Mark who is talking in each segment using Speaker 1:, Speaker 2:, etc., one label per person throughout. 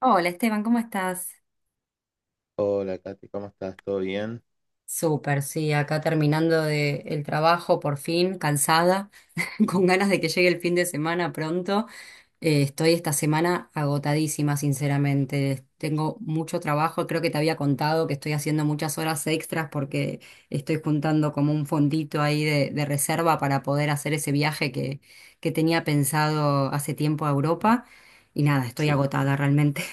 Speaker 1: Hola Esteban, ¿cómo estás?
Speaker 2: Hola, Katy, ¿cómo estás? ¿Todo bien?
Speaker 1: Súper, sí, acá terminando de el trabajo por fin, cansada,
Speaker 2: ¿Mm?
Speaker 1: con ganas de que llegue el fin de semana pronto. Estoy esta semana agotadísima, sinceramente. Tengo mucho trabajo, creo que te había contado que estoy haciendo muchas horas extras porque estoy juntando como un fondito ahí de reserva para poder hacer ese viaje que tenía pensado hace tiempo a Europa. Y nada, estoy
Speaker 2: Sí.
Speaker 1: agotada realmente.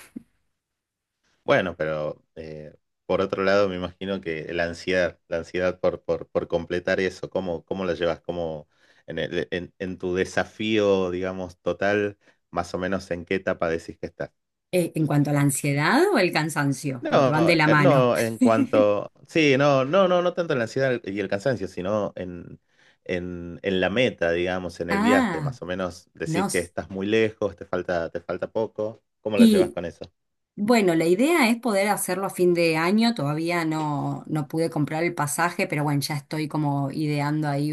Speaker 2: Bueno, pero por otro lado, me imagino que la ansiedad por completar eso, ¿cómo la llevas? ¿Cómo en tu desafío, digamos, total, más o menos en qué etapa decís que estás?
Speaker 1: ¿En cuanto a la ansiedad o el cansancio? Porque van
Speaker 2: No,
Speaker 1: de la mano.
Speaker 2: no, en cuanto. Sí, no, no, no, no tanto en la ansiedad y el cansancio, sino en la meta, digamos, en el viaje.
Speaker 1: Ah,
Speaker 2: Más o menos
Speaker 1: no.
Speaker 2: decís que
Speaker 1: s-
Speaker 2: estás muy lejos, te falta poco. ¿Cómo lo llevas
Speaker 1: Y
Speaker 2: con eso?
Speaker 1: bueno, la idea es poder hacerlo a fin de año. Todavía no pude comprar el pasaje, pero bueno, ya estoy como ideando ahí,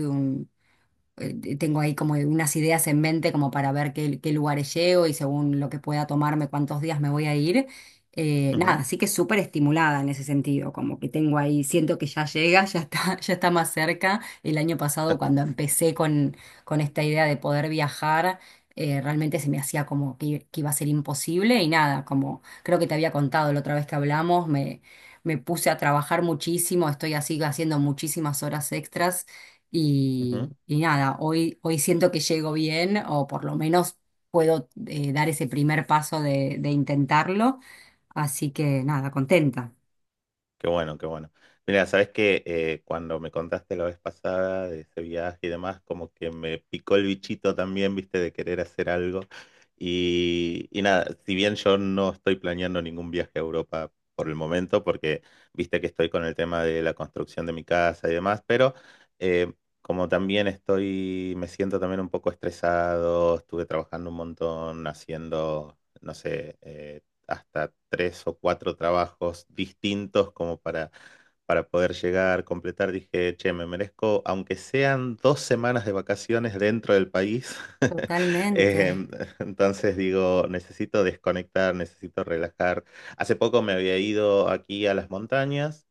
Speaker 1: tengo ahí como unas ideas en mente como para ver qué lugares llego y según lo que pueda tomarme, cuántos días me voy a ir. Nada, así que súper estimulada en ese sentido, como que tengo ahí, siento que ya llega, ya está, ya está más cerca. El año pasado cuando empecé con esta idea de poder viajar, realmente se me hacía como que iba a ser imposible y nada, como creo que te había contado la otra vez que hablamos, me puse a trabajar muchísimo, estoy así haciendo muchísimas horas extras
Speaker 2: Ujú.
Speaker 1: y nada, hoy siento que llego bien o por lo menos puedo dar ese primer paso de intentarlo. Así que nada, contenta.
Speaker 2: Qué bueno, qué bueno. Mira, sabes que cuando me contaste la vez pasada de ese viaje y demás, como que me picó el bichito también, viste, de querer hacer algo. Y nada, si bien yo no estoy planeando ningún viaje a Europa por el momento, porque viste que estoy con el tema de la construcción de mi casa y demás, pero eh, como también estoy, me siento también un poco estresado, estuve trabajando un montón haciendo, no sé, hasta tres o cuatro trabajos distintos como para poder llegar, completar. Dije, che, me merezco, aunque sean dos semanas de vacaciones dentro del país.
Speaker 1: Totalmente.
Speaker 2: Eh, entonces digo, necesito desconectar, necesito relajar. Hace poco me había ido aquí a las montañas,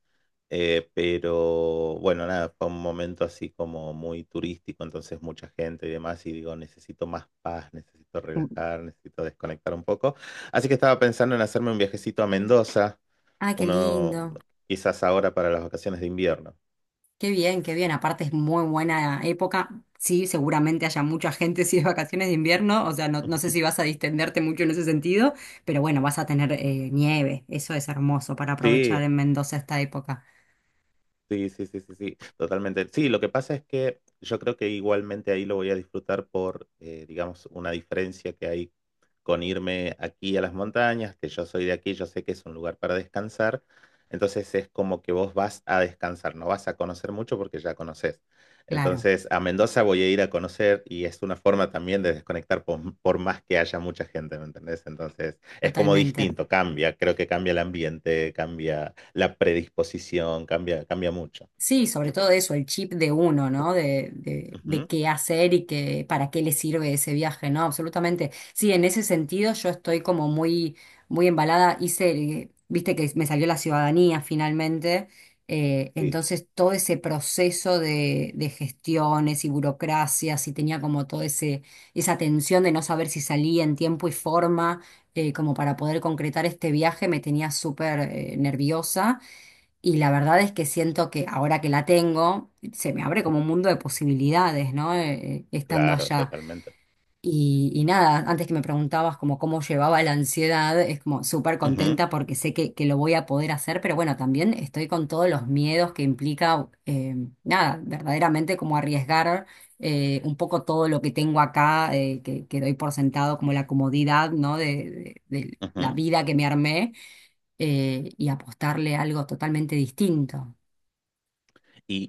Speaker 2: pero bueno, nada, fue un momento así como muy turístico, entonces mucha gente y demás, y digo, necesito más paz, necesito relajar, necesito desconectar un poco. Así que estaba pensando en hacerme un viajecito a Mendoza,
Speaker 1: Ah, qué
Speaker 2: uno
Speaker 1: lindo.
Speaker 2: quizás ahora para las vacaciones de invierno.
Speaker 1: Qué bien, qué bien. Aparte es muy buena época. Sí, seguramente haya mucha gente si es vacaciones de invierno. O sea, no sé
Speaker 2: Ujú.
Speaker 1: si vas a distenderte mucho en ese sentido, pero bueno, vas a tener nieve. Eso es hermoso para aprovechar
Speaker 2: Sí.
Speaker 1: en Mendoza esta época.
Speaker 2: Sí, sí, sí, sí, sí, totalmente. Sí, lo que pasa es que yo creo que igualmente ahí lo voy a disfrutar por, digamos, una diferencia que hay con irme aquí a las montañas, que yo soy de aquí, yo sé que es un lugar para descansar, entonces es como que vos vas a descansar, no vas a conocer mucho porque ya conoces.
Speaker 1: Claro,
Speaker 2: Entonces a Mendoza voy a ir a conocer y es una forma también de desconectar por más que haya mucha gente, ¿me entendés? Entonces es como
Speaker 1: totalmente.
Speaker 2: distinto, cambia, creo que cambia el ambiente, cambia la predisposición, cambia, cambia mucho.
Speaker 1: Sí, sobre todo eso, el chip de uno, ¿no? De
Speaker 2: Ujú.
Speaker 1: qué hacer y qué, para qué le sirve ese viaje, ¿no? Absolutamente. Sí, en ese sentido yo estoy como muy, muy embalada. Viste que me salió la ciudadanía finalmente.
Speaker 2: Sí,
Speaker 1: Entonces todo ese proceso de gestiones y burocracias y tenía como todo ese, esa tensión de no saber si salía en tiempo y forma, como para poder concretar este viaje, me tenía súper, nerviosa. Y la verdad es que siento que ahora que la tengo, se me abre como un mundo de posibilidades, ¿no? Estando
Speaker 2: claro,
Speaker 1: allá.
Speaker 2: totalmente.
Speaker 1: Y nada, antes que me preguntabas como cómo llevaba la ansiedad, es como súper
Speaker 2: Ujú,
Speaker 1: contenta porque sé que lo voy a poder hacer, pero bueno, también estoy con todos los miedos que implica, nada, verdaderamente como arriesgar un poco todo lo que tengo acá, que doy por sentado, como la comodidad, ¿no? De la
Speaker 2: ujú.
Speaker 1: vida que me armé, y apostarle a algo totalmente distinto.
Speaker 2: Y,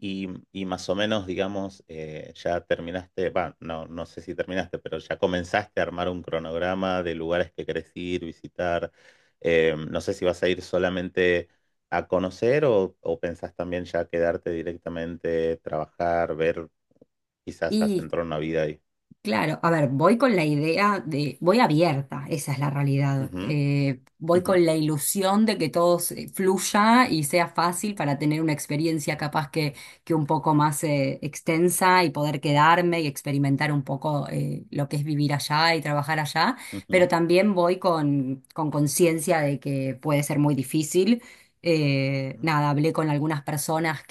Speaker 2: y más o menos, digamos, ya terminaste, va, no, no sé si terminaste, pero ya comenzaste a armar un cronograma de lugares que querés ir, visitar. No sé si vas a ir solamente a conocer o pensás también ya quedarte directamente, trabajar, ver, quizás
Speaker 1: Y
Speaker 2: asentar una vida ahí.
Speaker 1: Claro, a ver, voy con la idea de, voy abierta, esa es la realidad.
Speaker 2: Ujú,
Speaker 1: Voy
Speaker 2: ujú.
Speaker 1: con la ilusión de que todo se- fluya y sea fácil para tener una experiencia capaz que un poco más extensa y poder quedarme y experimentar un poco lo que es vivir allá y trabajar allá, pero
Speaker 2: Ujú,
Speaker 1: también voy con conciencia de que puede ser muy difícil.
Speaker 2: ujú,
Speaker 1: Nada, hablé con algunas personas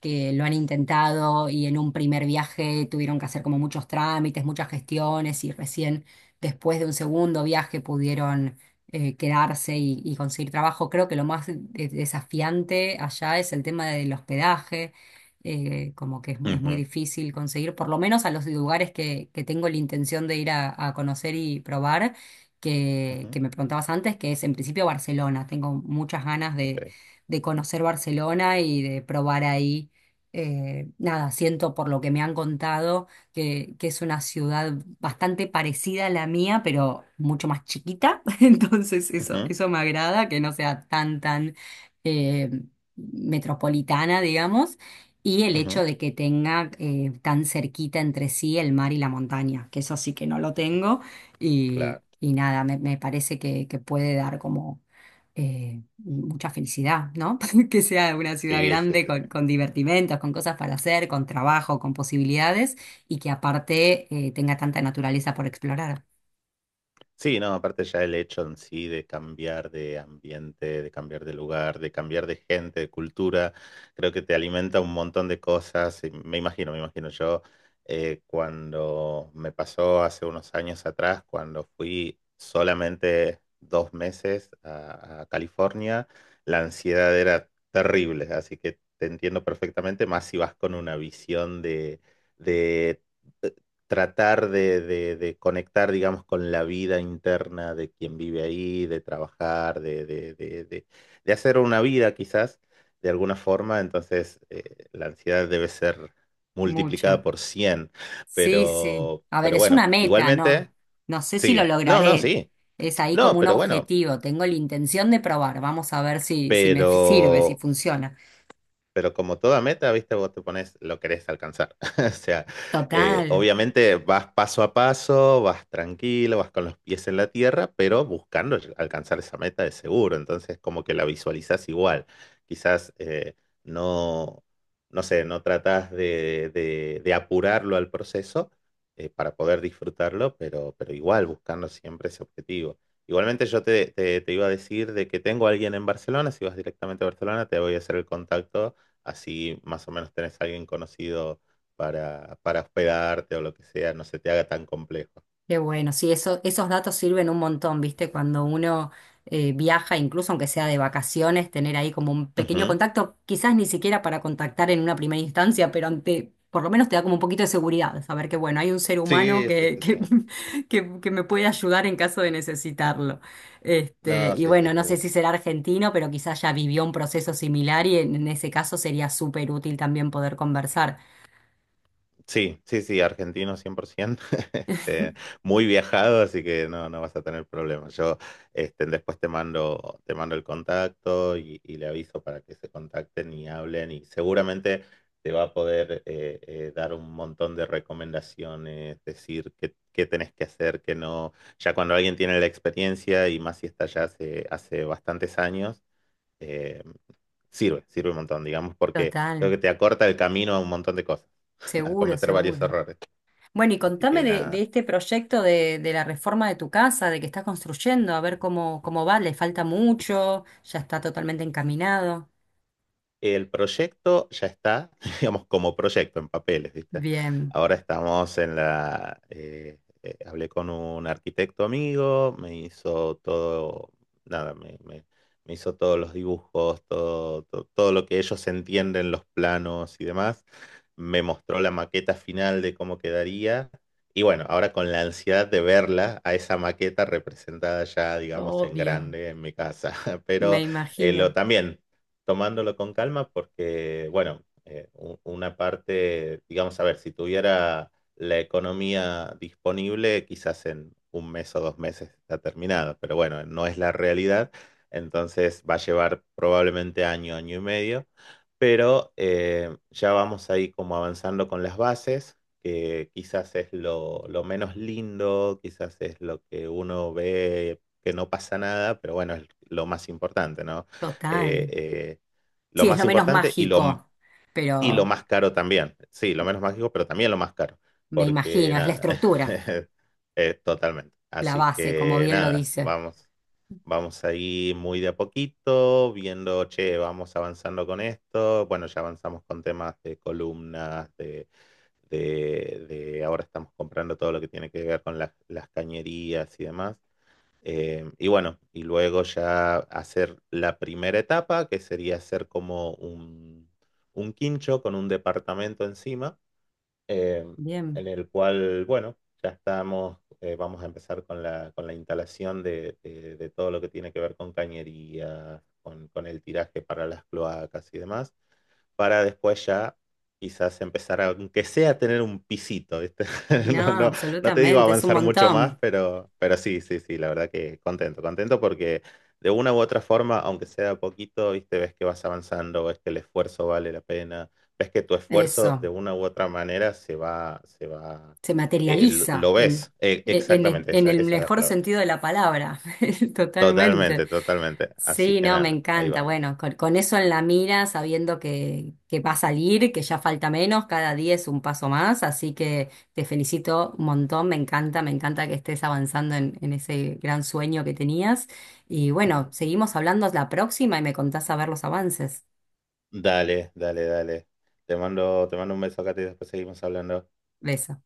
Speaker 1: que lo han intentado y en un primer viaje tuvieron que hacer como muchos trámites, muchas gestiones y recién después de un segundo viaje pudieron quedarse y conseguir trabajo. Creo que lo más desafiante allá es el tema del hospedaje, como que es muy
Speaker 2: ujú,
Speaker 1: difícil conseguir, por lo menos a los lugares que tengo la intención de ir a conocer y probar.
Speaker 2: ujú,
Speaker 1: Que me preguntabas antes, que es en principio Barcelona. Tengo muchas ganas
Speaker 2: ok,
Speaker 1: de conocer Barcelona y de probar ahí, nada, siento por lo que me han contado que es una ciudad bastante parecida a la mía, pero mucho más chiquita. Entonces eso,
Speaker 2: ujú,
Speaker 1: eso me agrada, que no sea tan, tan eh, metropolitana, digamos. Y el hecho
Speaker 2: ujú,
Speaker 1: de que tenga tan cerquita entre sí el mar y la montaña, que eso sí que no lo tengo.
Speaker 2: claro.
Speaker 1: Y nada, me parece que puede dar como mucha felicidad, ¿no? Que sea una ciudad
Speaker 2: Sí, sí,
Speaker 1: grande
Speaker 2: sí, sí.
Speaker 1: con divertimentos, con cosas para hacer, con trabajo, con posibilidades y que aparte tenga tanta naturaleza por explorar.
Speaker 2: Sí, no, aparte ya el hecho en sí de cambiar de ambiente, de cambiar de lugar, de cambiar de gente, de cultura, creo que te alimenta un montón de cosas. Y me imagino, me imagino yo, cuando me pasó hace unos años atrás, cuando fui solamente dos meses a California, la ansiedad era terrible, así que te entiendo perfectamente, más si vas con una visión de tratar de conectar, digamos, con la vida interna de quien vive ahí, de trabajar, de hacer una vida quizás, de alguna forma. Entonces, la ansiedad debe ser multiplicada
Speaker 1: Mucha.
Speaker 2: por cien.
Speaker 1: Sí, sí.
Speaker 2: pero,
Speaker 1: A ver,
Speaker 2: pero
Speaker 1: es
Speaker 2: bueno,
Speaker 1: una meta,
Speaker 2: igualmente,
Speaker 1: ¿no? No sé si lo
Speaker 2: sí, no, no,
Speaker 1: lograré.
Speaker 2: sí,
Speaker 1: Es ahí como
Speaker 2: no,
Speaker 1: un
Speaker 2: pero bueno,
Speaker 1: objetivo. Tengo la intención de probar. Vamos a ver si, si me sirve, si
Speaker 2: pero...
Speaker 1: funciona.
Speaker 2: Pero como toda meta, viste, vos te pones lo querés alcanzar. O sea,
Speaker 1: Total.
Speaker 2: obviamente vas paso a paso, vas tranquilo, vas con los pies en la tierra, pero buscando alcanzar esa meta de seguro. Entonces, como que la visualizás igual. Quizás no, no sé, no tratás de apurarlo al proceso, para poder disfrutarlo, pero igual buscando siempre ese objetivo. Igualmente yo te iba a decir de que tengo a alguien en Barcelona, si vas directamente a Barcelona, te voy a hacer el contacto así más o menos tenés a alguien conocido para hospedarte o lo que sea, no se te haga tan complejo.
Speaker 1: Qué bueno, sí, eso, esos datos sirven un montón, ¿viste? Cuando uno viaja, incluso aunque sea de vacaciones, tener ahí como un pequeño
Speaker 2: Ujú.
Speaker 1: contacto, quizás ni siquiera para contactar en una primera instancia, pero ante, por lo menos te da como un poquito de seguridad, saber que, bueno, hay un ser humano
Speaker 2: Sí, sí, sí, sí.
Speaker 1: que me puede ayudar en caso de necesitarlo. Este,
Speaker 2: No,
Speaker 1: y
Speaker 2: sí, sí,
Speaker 1: bueno, no sé
Speaker 2: seguro.
Speaker 1: si será argentino, pero quizás ya vivió un proceso similar y en ese caso sería súper útil también poder conversar.
Speaker 2: Sí, sí, sí, argentino 100%, este, muy viajado, así que no, no vas a tener problemas. Yo este, después te mando el contacto y le aviso para que se contacten y hablen y seguramente te va a poder dar un montón de recomendaciones, decir qué, qué tenés que hacer, qué no. Ya cuando alguien tiene la experiencia y más si está ya hace bastantes años, eh, sirve, sirve un montón, digamos, porque creo
Speaker 1: Total,
Speaker 2: que te acorta el camino a un montón de cosas, a
Speaker 1: seguro,
Speaker 2: cometer varios
Speaker 1: seguro.
Speaker 2: errores.
Speaker 1: Bueno, y
Speaker 2: Así
Speaker 1: contame
Speaker 2: que
Speaker 1: de
Speaker 2: nada,
Speaker 1: este proyecto de la reforma de tu casa, de que estás construyendo, a ver cómo, cómo va, le falta mucho, ya está totalmente encaminado.
Speaker 2: el proyecto ya está, digamos, como proyecto en papeles, ¿viste?
Speaker 1: Bien,
Speaker 2: Ahora estamos en la... hablé con un arquitecto amigo, me hizo todo, nada, me hizo todos los dibujos, todo, todo lo que ellos entienden, los planos y demás. Me mostró la maqueta final de cómo quedaría. Y bueno, ahora con la ansiedad de verla, a esa maqueta representada ya, digamos, en
Speaker 1: obvio,
Speaker 2: grande en mi casa.
Speaker 1: me
Speaker 2: Pero lo
Speaker 1: imagino,
Speaker 2: también tomándolo con calma porque, bueno, una parte, digamos, a ver, si tuviera la economía disponible, quizás en un mes o dos meses está terminado, pero bueno, no es la realidad, entonces va a llevar probablemente año, año y medio, pero ya vamos ahí como avanzando con las bases, que quizás es lo menos lindo, quizás es lo que uno ve que no pasa nada, pero bueno, es lo más importante, ¿no? eh,
Speaker 1: total.
Speaker 2: eh, lo
Speaker 1: Sí, es
Speaker 2: más
Speaker 1: lo menos
Speaker 2: importante
Speaker 1: mágico,
Speaker 2: y lo
Speaker 1: pero
Speaker 2: más caro también. Sí, lo menos mágico, pero también lo más caro,
Speaker 1: me
Speaker 2: porque
Speaker 1: imagino, es la
Speaker 2: nada,
Speaker 1: estructura,
Speaker 2: totalmente.
Speaker 1: la
Speaker 2: Así
Speaker 1: base, como
Speaker 2: que
Speaker 1: bien lo
Speaker 2: nada,
Speaker 1: dice.
Speaker 2: vamos, vamos ahí muy de a poquito, viendo, che, vamos avanzando con esto. Bueno, ya avanzamos con temas de columnas, de ahora estamos comprando todo lo que tiene que ver con las cañerías y demás. Y bueno, y luego ya hacer la primera etapa, que sería hacer como un quincho con un departamento encima, eh,
Speaker 1: Bien,
Speaker 2: en el cual, bueno, ya estamos, vamos a empezar con la instalación de, de todo lo que tiene que ver con cañería, con el tiraje para las cloacas y demás para después ya quizás empezar a, aunque sea a tener un pisito, ¿viste?
Speaker 1: no,
Speaker 2: No, no, no te digo
Speaker 1: absolutamente, es un
Speaker 2: avanzar mucho más,
Speaker 1: montón.
Speaker 2: pero sí, sí, sí, la verdad que contento, contento porque de una u otra forma, aunque sea poquito, ¿viste? Ves que vas avanzando, ves que el esfuerzo vale la pena, ves que tu esfuerzo de
Speaker 1: Eso,
Speaker 2: una u otra manera se va,
Speaker 1: se materializa
Speaker 2: lo ves. Exactamente,
Speaker 1: en
Speaker 2: esa,
Speaker 1: el
Speaker 2: esa es la
Speaker 1: mejor
Speaker 2: palabra.
Speaker 1: sentido de la palabra, totalmente.
Speaker 2: Totalmente, totalmente. Así
Speaker 1: Sí,
Speaker 2: que
Speaker 1: no, me
Speaker 2: nada, ahí
Speaker 1: encanta.
Speaker 2: vamos.
Speaker 1: Bueno, con eso en la mira, sabiendo que va a salir, que ya falta menos, cada día es un paso más, así que te felicito un montón, me encanta que estés avanzando en ese gran sueño que tenías. Y bueno, seguimos hablando la próxima y me contás a ver los avances.
Speaker 2: Dale, dale, dale. Te mando un beso acá y después seguimos hablando.
Speaker 1: Besos.